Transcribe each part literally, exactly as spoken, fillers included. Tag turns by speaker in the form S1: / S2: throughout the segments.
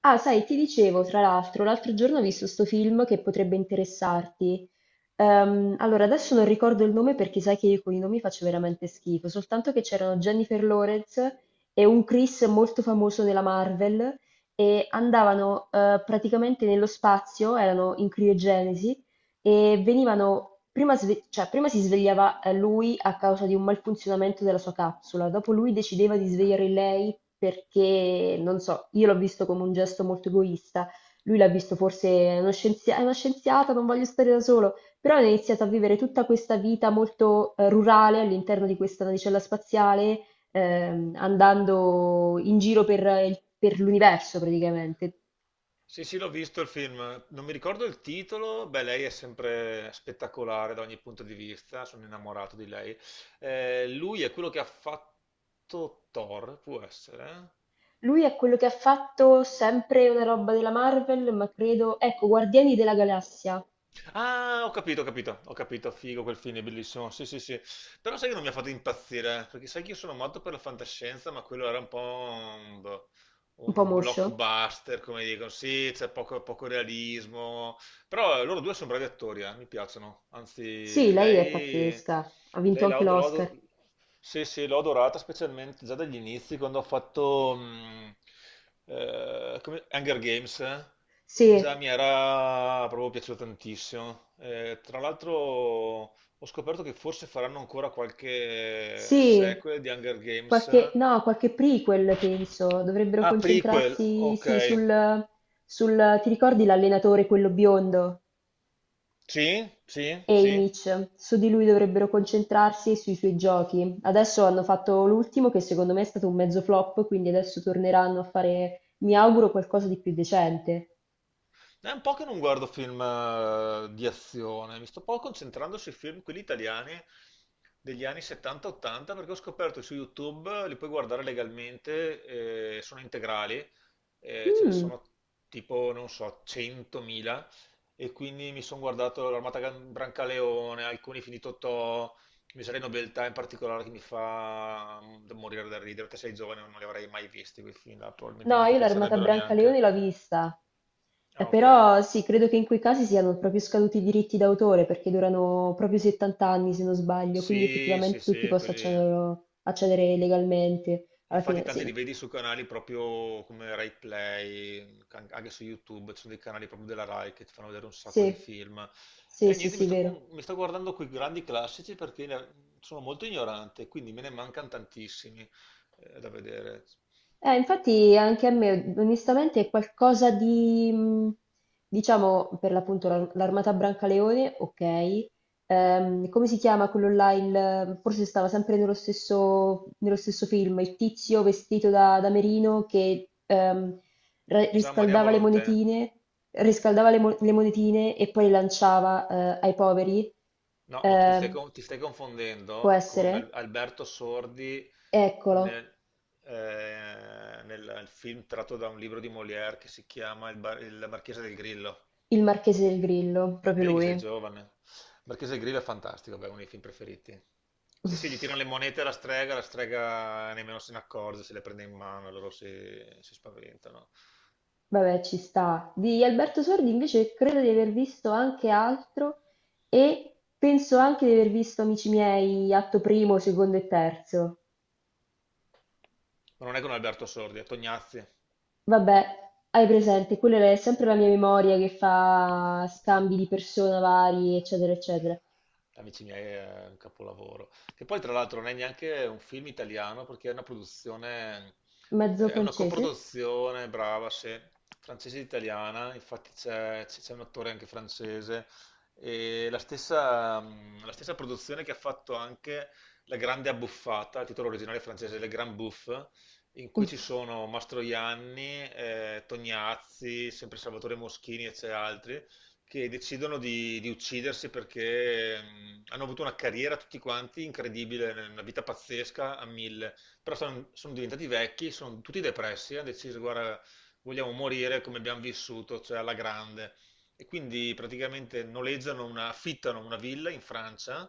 S1: Ah, sai, ti dicevo, tra l'altro, l'altro giorno ho visto sto film che potrebbe interessarti. Ehm, allora, adesso non ricordo il nome perché sai che io con i nomi faccio veramente schifo, soltanto che c'erano Jennifer Lawrence e un Chris molto famoso della Marvel e andavano eh, praticamente nello spazio, erano in criogenesi e venivano, prima, sve- cioè, prima si svegliava eh, lui a causa di un malfunzionamento della sua capsula, dopo lui decideva di svegliare lei perché, non so, io l'ho visto come un gesto molto egoista, lui l'ha visto forse "È uno scienzia- è una scienziata, non voglio stare da solo", però ha iniziato a vivere tutta questa vita molto eh, rurale all'interno di questa navicella spaziale, ehm, andando in giro per, eh, il- per l'universo praticamente.
S2: Sì, sì, l'ho visto il film, non mi ricordo il titolo, beh, lei è sempre spettacolare da ogni punto di vista, sono innamorato di lei. Eh, lui è quello che ha fatto Thor, può essere?
S1: Lui è quello che ha fatto sempre una roba della Marvel, ma credo... Ecco, Guardiani della Galassia,
S2: Ah, ho capito, ho capito, ho capito, figo quel film, è bellissimo, sì, sì, sì. Però sai che non mi ha fatto impazzire, perché sai che io sono matto per la fantascienza, ma quello era un po' un, boh,
S1: un po'
S2: un
S1: moscio.
S2: blockbuster, come dicono, sì, c'è poco, poco realismo. Però eh, loro due sono bravi attori, eh, mi piacciono.
S1: Sì,
S2: Anzi,
S1: lei è
S2: lei,
S1: pazzesca, ha vinto
S2: lei
S1: anche
S2: l'ho l'ho-
S1: l'Oscar.
S2: l'ho- sì, sì, l'ho adorata specialmente già dagli inizi, quando ha fatto mh, eh, come- Hunger Games, eh. Già
S1: Sì,
S2: mi era proprio piaciuto tantissimo. Eh, tra l'altro ho scoperto che forse faranno ancora qualche
S1: sì,
S2: sequel di Hunger Games.
S1: qualche... no, qualche prequel penso, dovrebbero
S2: Ah, prequel,
S1: concentrarsi,
S2: ok.
S1: sì, sul... sul... Ti ricordi l'allenatore, quello biondo?
S2: Sì, sì, sì.
S1: Haymitch, su di lui dovrebbero concentrarsi e sui suoi giochi. Adesso hanno fatto l'ultimo che secondo me è stato un mezzo flop, quindi adesso torneranno a fare, mi auguro, qualcosa di più decente.
S2: È un po' che non guardo film eh, di azione, mi sto un po' concentrando sui film, quelli italiani degli anni settanta ottanta, perché ho scoperto su YouTube, li puoi guardare legalmente, eh, sono integrali, eh, ce ne
S1: Mm.
S2: sono tipo, non so, centomila, e quindi mi sono guardato l'Armata Gan- Brancaleone, alcuni finito Totò, Miseria e Nobiltà in particolare che mi fa mm, morire da ridere, te sei giovane, non li avrei mai visti quei film là, probabilmente
S1: No,
S2: non ti
S1: io l'Armata
S2: piacerebbero neanche.
S1: Brancaleone l'ho vista. Eh,
S2: Ah, ok.
S1: però sì, credo che in quei casi siano proprio scaduti i diritti d'autore perché durano proprio settanta anni se non sbaglio, quindi
S2: Sì, sì,
S1: effettivamente tutti
S2: sì.
S1: possono
S2: quelli...
S1: accederlo- accedere
S2: in-
S1: legalmente alla
S2: Infatti
S1: fine.
S2: tanti
S1: Sì,
S2: li vedi su canali proprio come Rai Play, can- anche su YouTube, ci sono dei canali proprio della Rai che ti fanno vedere un sacco
S1: sì,
S2: di film.
S1: sì,
S2: E
S1: sì,
S2: niente, mi
S1: sì,
S2: sto,
S1: vero.
S2: con- mi sto guardando quei grandi classici perché ne- sono molto ignorante, quindi me ne mancano tantissimi eh, da vedere.
S1: Eh, infatti anche a me, onestamente, è qualcosa di, mh, diciamo, per l'appunto l'ar- l'Armata Brancaleone, ok. Ehm, come si chiama quello là? Il- forse stava sempre nello stesso, nello stesso film, il tizio vestito da, da merino che ehm, ra-
S2: Gian Maria
S1: riscaldava le
S2: Volonté.
S1: monetine, riscaldava le, mo- le monetine e poi le lanciava eh, ai poveri.
S2: No, ma tu ti stai,
S1: Ehm,
S2: con- ti stai
S1: Può
S2: confondendo con Al-
S1: essere?
S2: Alberto Sordi
S1: Eccolo,
S2: nel, eh, nel film tratto da un libro di Molière che si chiama Il, Bar- il Marchese del Grillo.
S1: il Marchese del Grillo, proprio
S2: Vedi che sei
S1: lui.
S2: giovane. Il Marchese del Grillo è fantastico, beh, è uno dei film preferiti. Sì, sì, gli tirano le monete alla strega, la strega nemmeno se ne accorge, se le prende in mano, loro si, si spaventano.
S1: Vabbè, ci sta. Di Alberto Sordi invece credo di aver visto anche altro e penso anche di aver visto, amici miei, atto primo, secondo e terzo.
S2: Ma non è con Alberto Sordi, è Tognazzi.
S1: Vabbè, hai presente, quella è sempre la mia memoria che fa scambi di persona vari, eccetera, eccetera.
S2: Amici miei è un capolavoro. Che poi, tra l'altro, non è neanche un film italiano perché è una produzione,
S1: Mezzo
S2: eh, è una
S1: francese?
S2: coproduzione, brava, se francese e italiana. Infatti, c'è c'è un attore anche francese. E la stessa, mm, la stessa produzione che ha fatto anche La Grande Abbuffata, il titolo originale francese, Le Grand Bouffe, in cui ci sono Mastroianni, eh, Tognazzi, sempre Salvatore Moschini e c'è altri che decidono di, di uccidersi perché mh, hanno avuto una carriera tutti quanti incredibile, una vita pazzesca a mille, però sono, sono diventati vecchi, sono tutti depressi, hanno deciso, guarda, vogliamo morire come abbiamo vissuto, cioè alla grande. E quindi praticamente noleggiano una, affittano una villa in Francia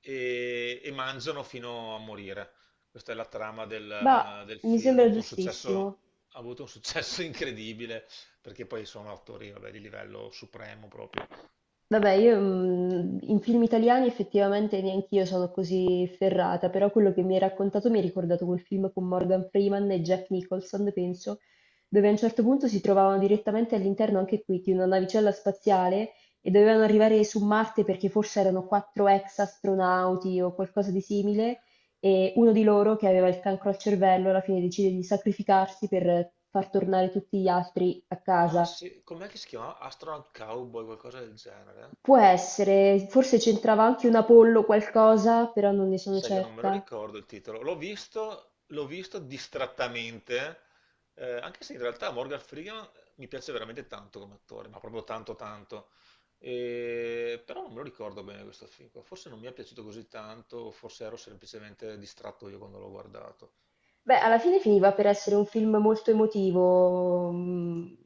S2: e, e mangiano fino a morire. Questa è la trama
S1: Bah,
S2: del, del
S1: mi
S2: film. Ha
S1: sembra
S2: avuto un successo,
S1: giustissimo.
S2: ha avuto un successo incredibile perché poi sono attori, vabbè, di livello supremo proprio.
S1: Vabbè, io mm, in film italiani effettivamente neanch'io sono così ferrata, però quello che mi hai raccontato mi ha ricordato quel film con Morgan Freeman e Jack Nicholson, penso, dove a un certo punto si trovavano direttamente all'interno anche qui di una navicella spaziale e dovevano arrivare su Marte perché forse erano quattro ex astronauti o qualcosa di simile e uno di loro che aveva il cancro al cervello alla fine decide di sacrificarsi per far tornare tutti gli altri a
S2: Ah
S1: casa.
S2: sì, com'è che si chiama? Astronaut Cowboy, qualcosa del genere?
S1: Può essere, forse c'entrava anche un Apollo qualcosa, però non ne sono
S2: Sai che non me lo
S1: certa.
S2: ricordo il titolo. L'ho visto, l'ho visto distrattamente, eh, anche se in realtà Morgan Freeman mi piace veramente tanto come attore, ma proprio tanto tanto. E- Però non me lo ricordo bene questo film qua. Forse non mi è piaciuto così tanto, o forse ero semplicemente distratto io quando l'ho guardato.
S1: Beh, alla fine finiva per essere un film molto emotivo, mh,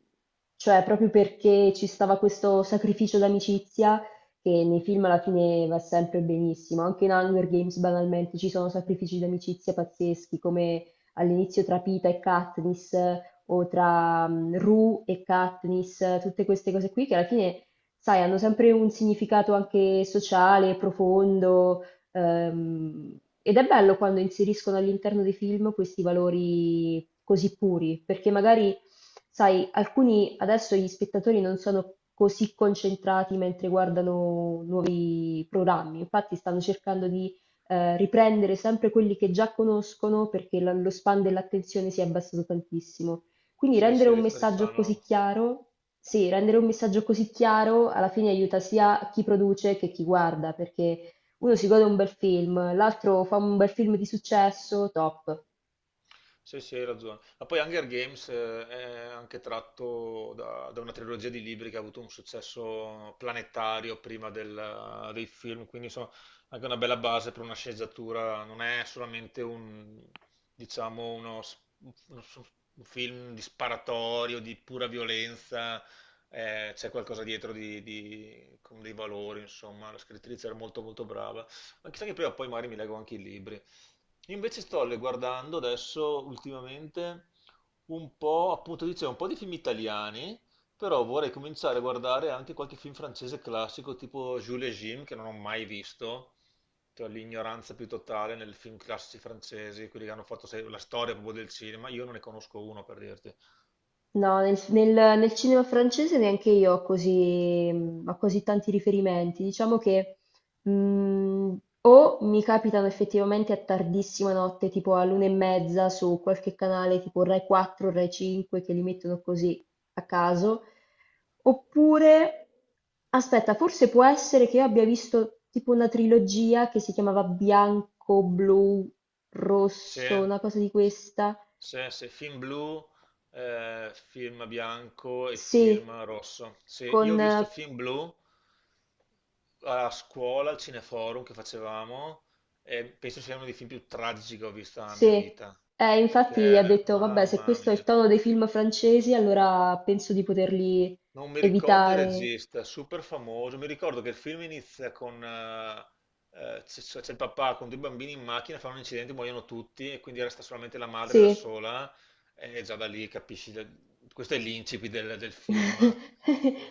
S1: cioè proprio perché ci stava questo sacrificio d'amicizia che nei film alla fine va sempre benissimo. Anche in Hunger Games banalmente ci sono sacrifici d'amicizia pazzeschi, come all'inizio tra Pita e Katniss o tra mh, Rue e Katniss, tutte queste cose qui che alla fine, sai, hanno sempre un significato anche sociale, profondo. Ehm, ed è bello quando inseriscono all'interno dei film questi valori così puri, perché magari, sai, alcuni adesso gli spettatori non sono così concentrati mentre guardano nuovi programmi, infatti stanno cercando di eh, riprendere sempre quelli che già conoscono perché la- lo span dell'attenzione si è abbassato tantissimo. Quindi
S2: Se,
S1: rendere
S2: se
S1: un
S2: rif-
S1: messaggio
S2: rifanno.
S1: così chiaro, sì, rendere un messaggio così chiaro alla fine aiuta sia chi produce che chi guarda, perché uno si gode un bel film, l'altro fa un bel film di successo, top.
S2: Sì, sì, hai ragione. Ma poi Hunger Games eh, è anche tratto da, da una trilogia di libri che ha avuto un successo planetario prima del- eh, dei film, quindi insomma anche una bella base per una sceneggiatura, non è solamente un, diciamo, uno, s- uno s- un film di sparatorio, di pura violenza, eh, c'è qualcosa dietro di, di- con dei valori, insomma, la scrittrice era molto molto brava. Ma chissà che prima o poi magari mi leggo anche i libri. Invece sto le guardando adesso ultimamente un po', appunto dicevo, un po' di film italiani, però vorrei cominciare a guardare anche qualche film francese classico tipo Jules et Jim che non ho mai visto, cioè l'ignoranza più totale nel film classici francesi, quelli che hanno fatto se- la storia proprio del cinema, io non ne conosco uno per dirti.
S1: No, nel, nel- nel cinema francese neanche io ho così, mm, ho così tanti riferimenti. Diciamo che mh, o mi capitano effettivamente a tardissima notte, tipo all'una e mezza su qualche canale tipo Rai quattro, Rai cinque, che li mettono così a caso, oppure, aspetta, forse può essere che io abbia visto tipo una trilogia che si chiamava Bianco, Blu,
S2: Sì,
S1: Rosso, una cosa di questa.
S2: sì, sì, film blu, eh, film bianco e
S1: Sì,
S2: film rosso. Sì,
S1: con
S2: io ho
S1: eh,
S2: visto film blu a scuola, al Cineforum che facevamo, e penso sia uno dei film più tragici che ho visto nella
S1: sì,
S2: mia vita,
S1: eh, infatti ha
S2: perché,
S1: detto, vabbè, se
S2: mamma
S1: questo è il
S2: mia.
S1: tono dei film francesi, allora penso di poterli
S2: Non mi ricordo il
S1: evitare.
S2: regista, super famoso. Mi ricordo che il film inizia con eh, eh, c'è c'è- c'è il papà con due bambini in macchina, fanno un incidente, muoiono tutti e quindi resta solamente la madre da
S1: Sì,
S2: sola e già da lì capisci. da- Questo è l'incipit del, del film.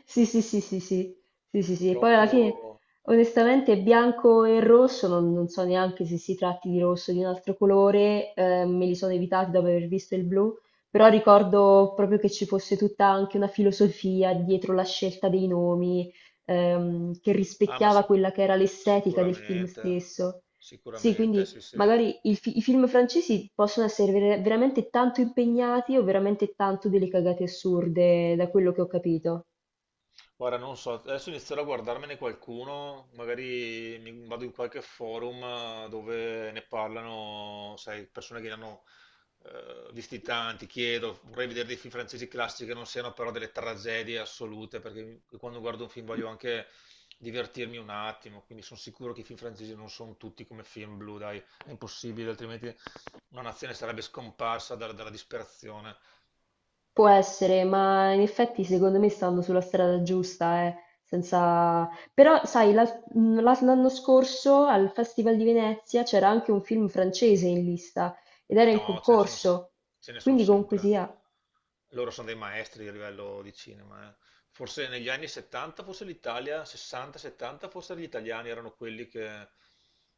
S1: sì, sì, sì, sì, sì, sì, sì, sì. E poi alla
S2: Proprio.
S1: fine, onestamente, bianco e rosso, non, non so neanche se si tratti di rosso o di un altro colore, eh, me li sono evitati dopo aver visto il blu, però ricordo proprio che ci fosse tutta anche una filosofia dietro la scelta dei nomi, ehm, che
S2: Ah, ma
S1: rispecchiava
S2: sic-
S1: quella che era l'estetica del film
S2: sicuramente,
S1: stesso. Sì,
S2: sicuramente,
S1: quindi
S2: sì, sì.
S1: magari il fi- i film francesi possono essere ver- veramente tanto impegnati o veramente tanto delle cagate assurde, da quello che ho capito.
S2: Guarda, non so, adesso inizierò a guardarmene qualcuno, magari mi vado in qualche forum eh, dove ne parlano, sai, persone che ne hanno eh, visti tanti, chiedo, vorrei vedere dei film francesi classici che non siano però delle tragedie assolute, perché mi- quando guardo un film voglio anche divertirmi un attimo, quindi sono sicuro che i film francesi non sono tutti come film blu, dai, è impossibile, altrimenti una nazione sarebbe scomparsa dalla dalla disperazione.
S1: Può essere, ma in effetti secondo me stanno sulla strada giusta, eh, senza... Però, sai, la- mh, la- l'anno scorso al Festival di Venezia c'era anche un film francese in lista ed era in
S2: No, ce ne sono
S1: concorso,
S2: ce ne son
S1: quindi comunque
S2: sempre.
S1: sia.
S2: Loro sono dei maestri a livello di cinema. eh. Forse negli anni settanta, forse l'Italia, sessanta settanta, forse gli italiani erano quelli che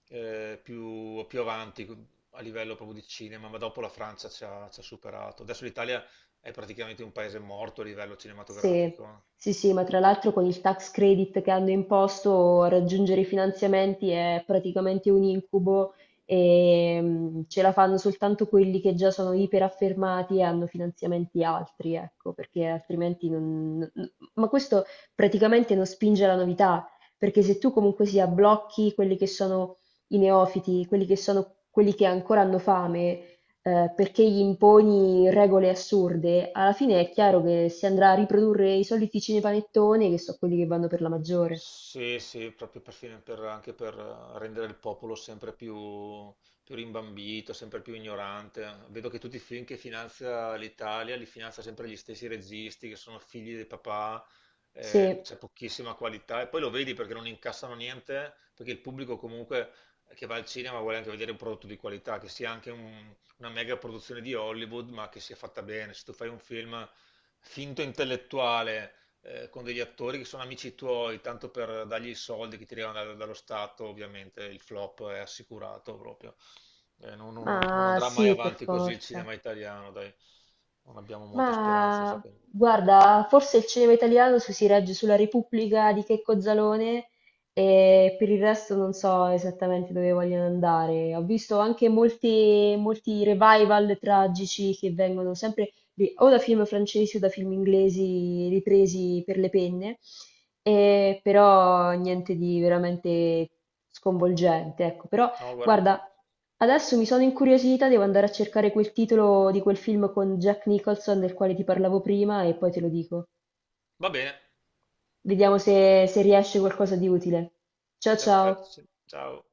S2: eh, più, più avanti a livello proprio di cinema, ma dopo la Francia ci ha, ci ha superato. Adesso l'Italia è praticamente un paese morto a livello
S1: Sì,
S2: cinematografico. eh.
S1: sì, sì, ma tra l'altro con il tax credit che hanno imposto raggiungere i finanziamenti è praticamente un incubo e mm, ce la fanno soltanto quelli che già sono iperaffermati e hanno finanziamenti altri, ecco, perché altrimenti non... n- Ma questo praticamente non spinge alla novità, perché se tu comunque sia blocchi quelli che sono i neofiti, quelli che sono quelli che ancora hanno fame eh, perché gli imponi regole assurde, alla fine è chiaro che si andrà a riprodurre i soliti cinepanettoni che sono quelli che vanno per la maggiore.
S2: Sì, sì, proprio per fine- per- anche per eh, rendere il popolo sempre più, più rimbambito, sempre più ignorante. Vedo che tutti i film che finanzia l'Italia li finanzia sempre gli stessi registi che sono figli dei papà,
S1: Sì,
S2: eh, c'è pochissima qualità e poi lo vedi perché non incassano niente, perché il pubblico comunque che va al cinema vuole anche vedere un prodotto di qualità, che sia anche un- una mega produzione di Hollywood, ma che sia fatta bene. Se tu fai un film finto intellettuale eh, con degli attori che sono amici tuoi, tanto per dargli i soldi che ti arrivano da- dallo Stato, ovviamente il flop è assicurato proprio. Eh, non, non- non- non
S1: ma
S2: andrà mai
S1: sì, per
S2: avanti così il
S1: forza.
S2: cinema italiano, dai. Non abbiamo molte speranze,
S1: Ma
S2: secondo me.
S1: guarda, forse il cinema italiano su- si regge sulla Repubblica di Checco Zalone e per il resto non so esattamente dove vogliono andare. Ho visto anche molti, molti revival tragici che vengono sempre ri- o da film francesi o da film inglesi ripresi per le penne, e però niente di veramente sconvolgente, ecco. Però
S2: No, guarda.
S1: guarda, adesso mi sono incuriosita, devo andare a cercare quel titolo di quel film con Jack Nicholson del quale ti parlavo prima e poi te lo dico.
S2: Va bene,
S1: Vediamo se, se riesce qualcosa di utile. Ciao
S2: perfetto.
S1: ciao!
S2: Sì. Ciao.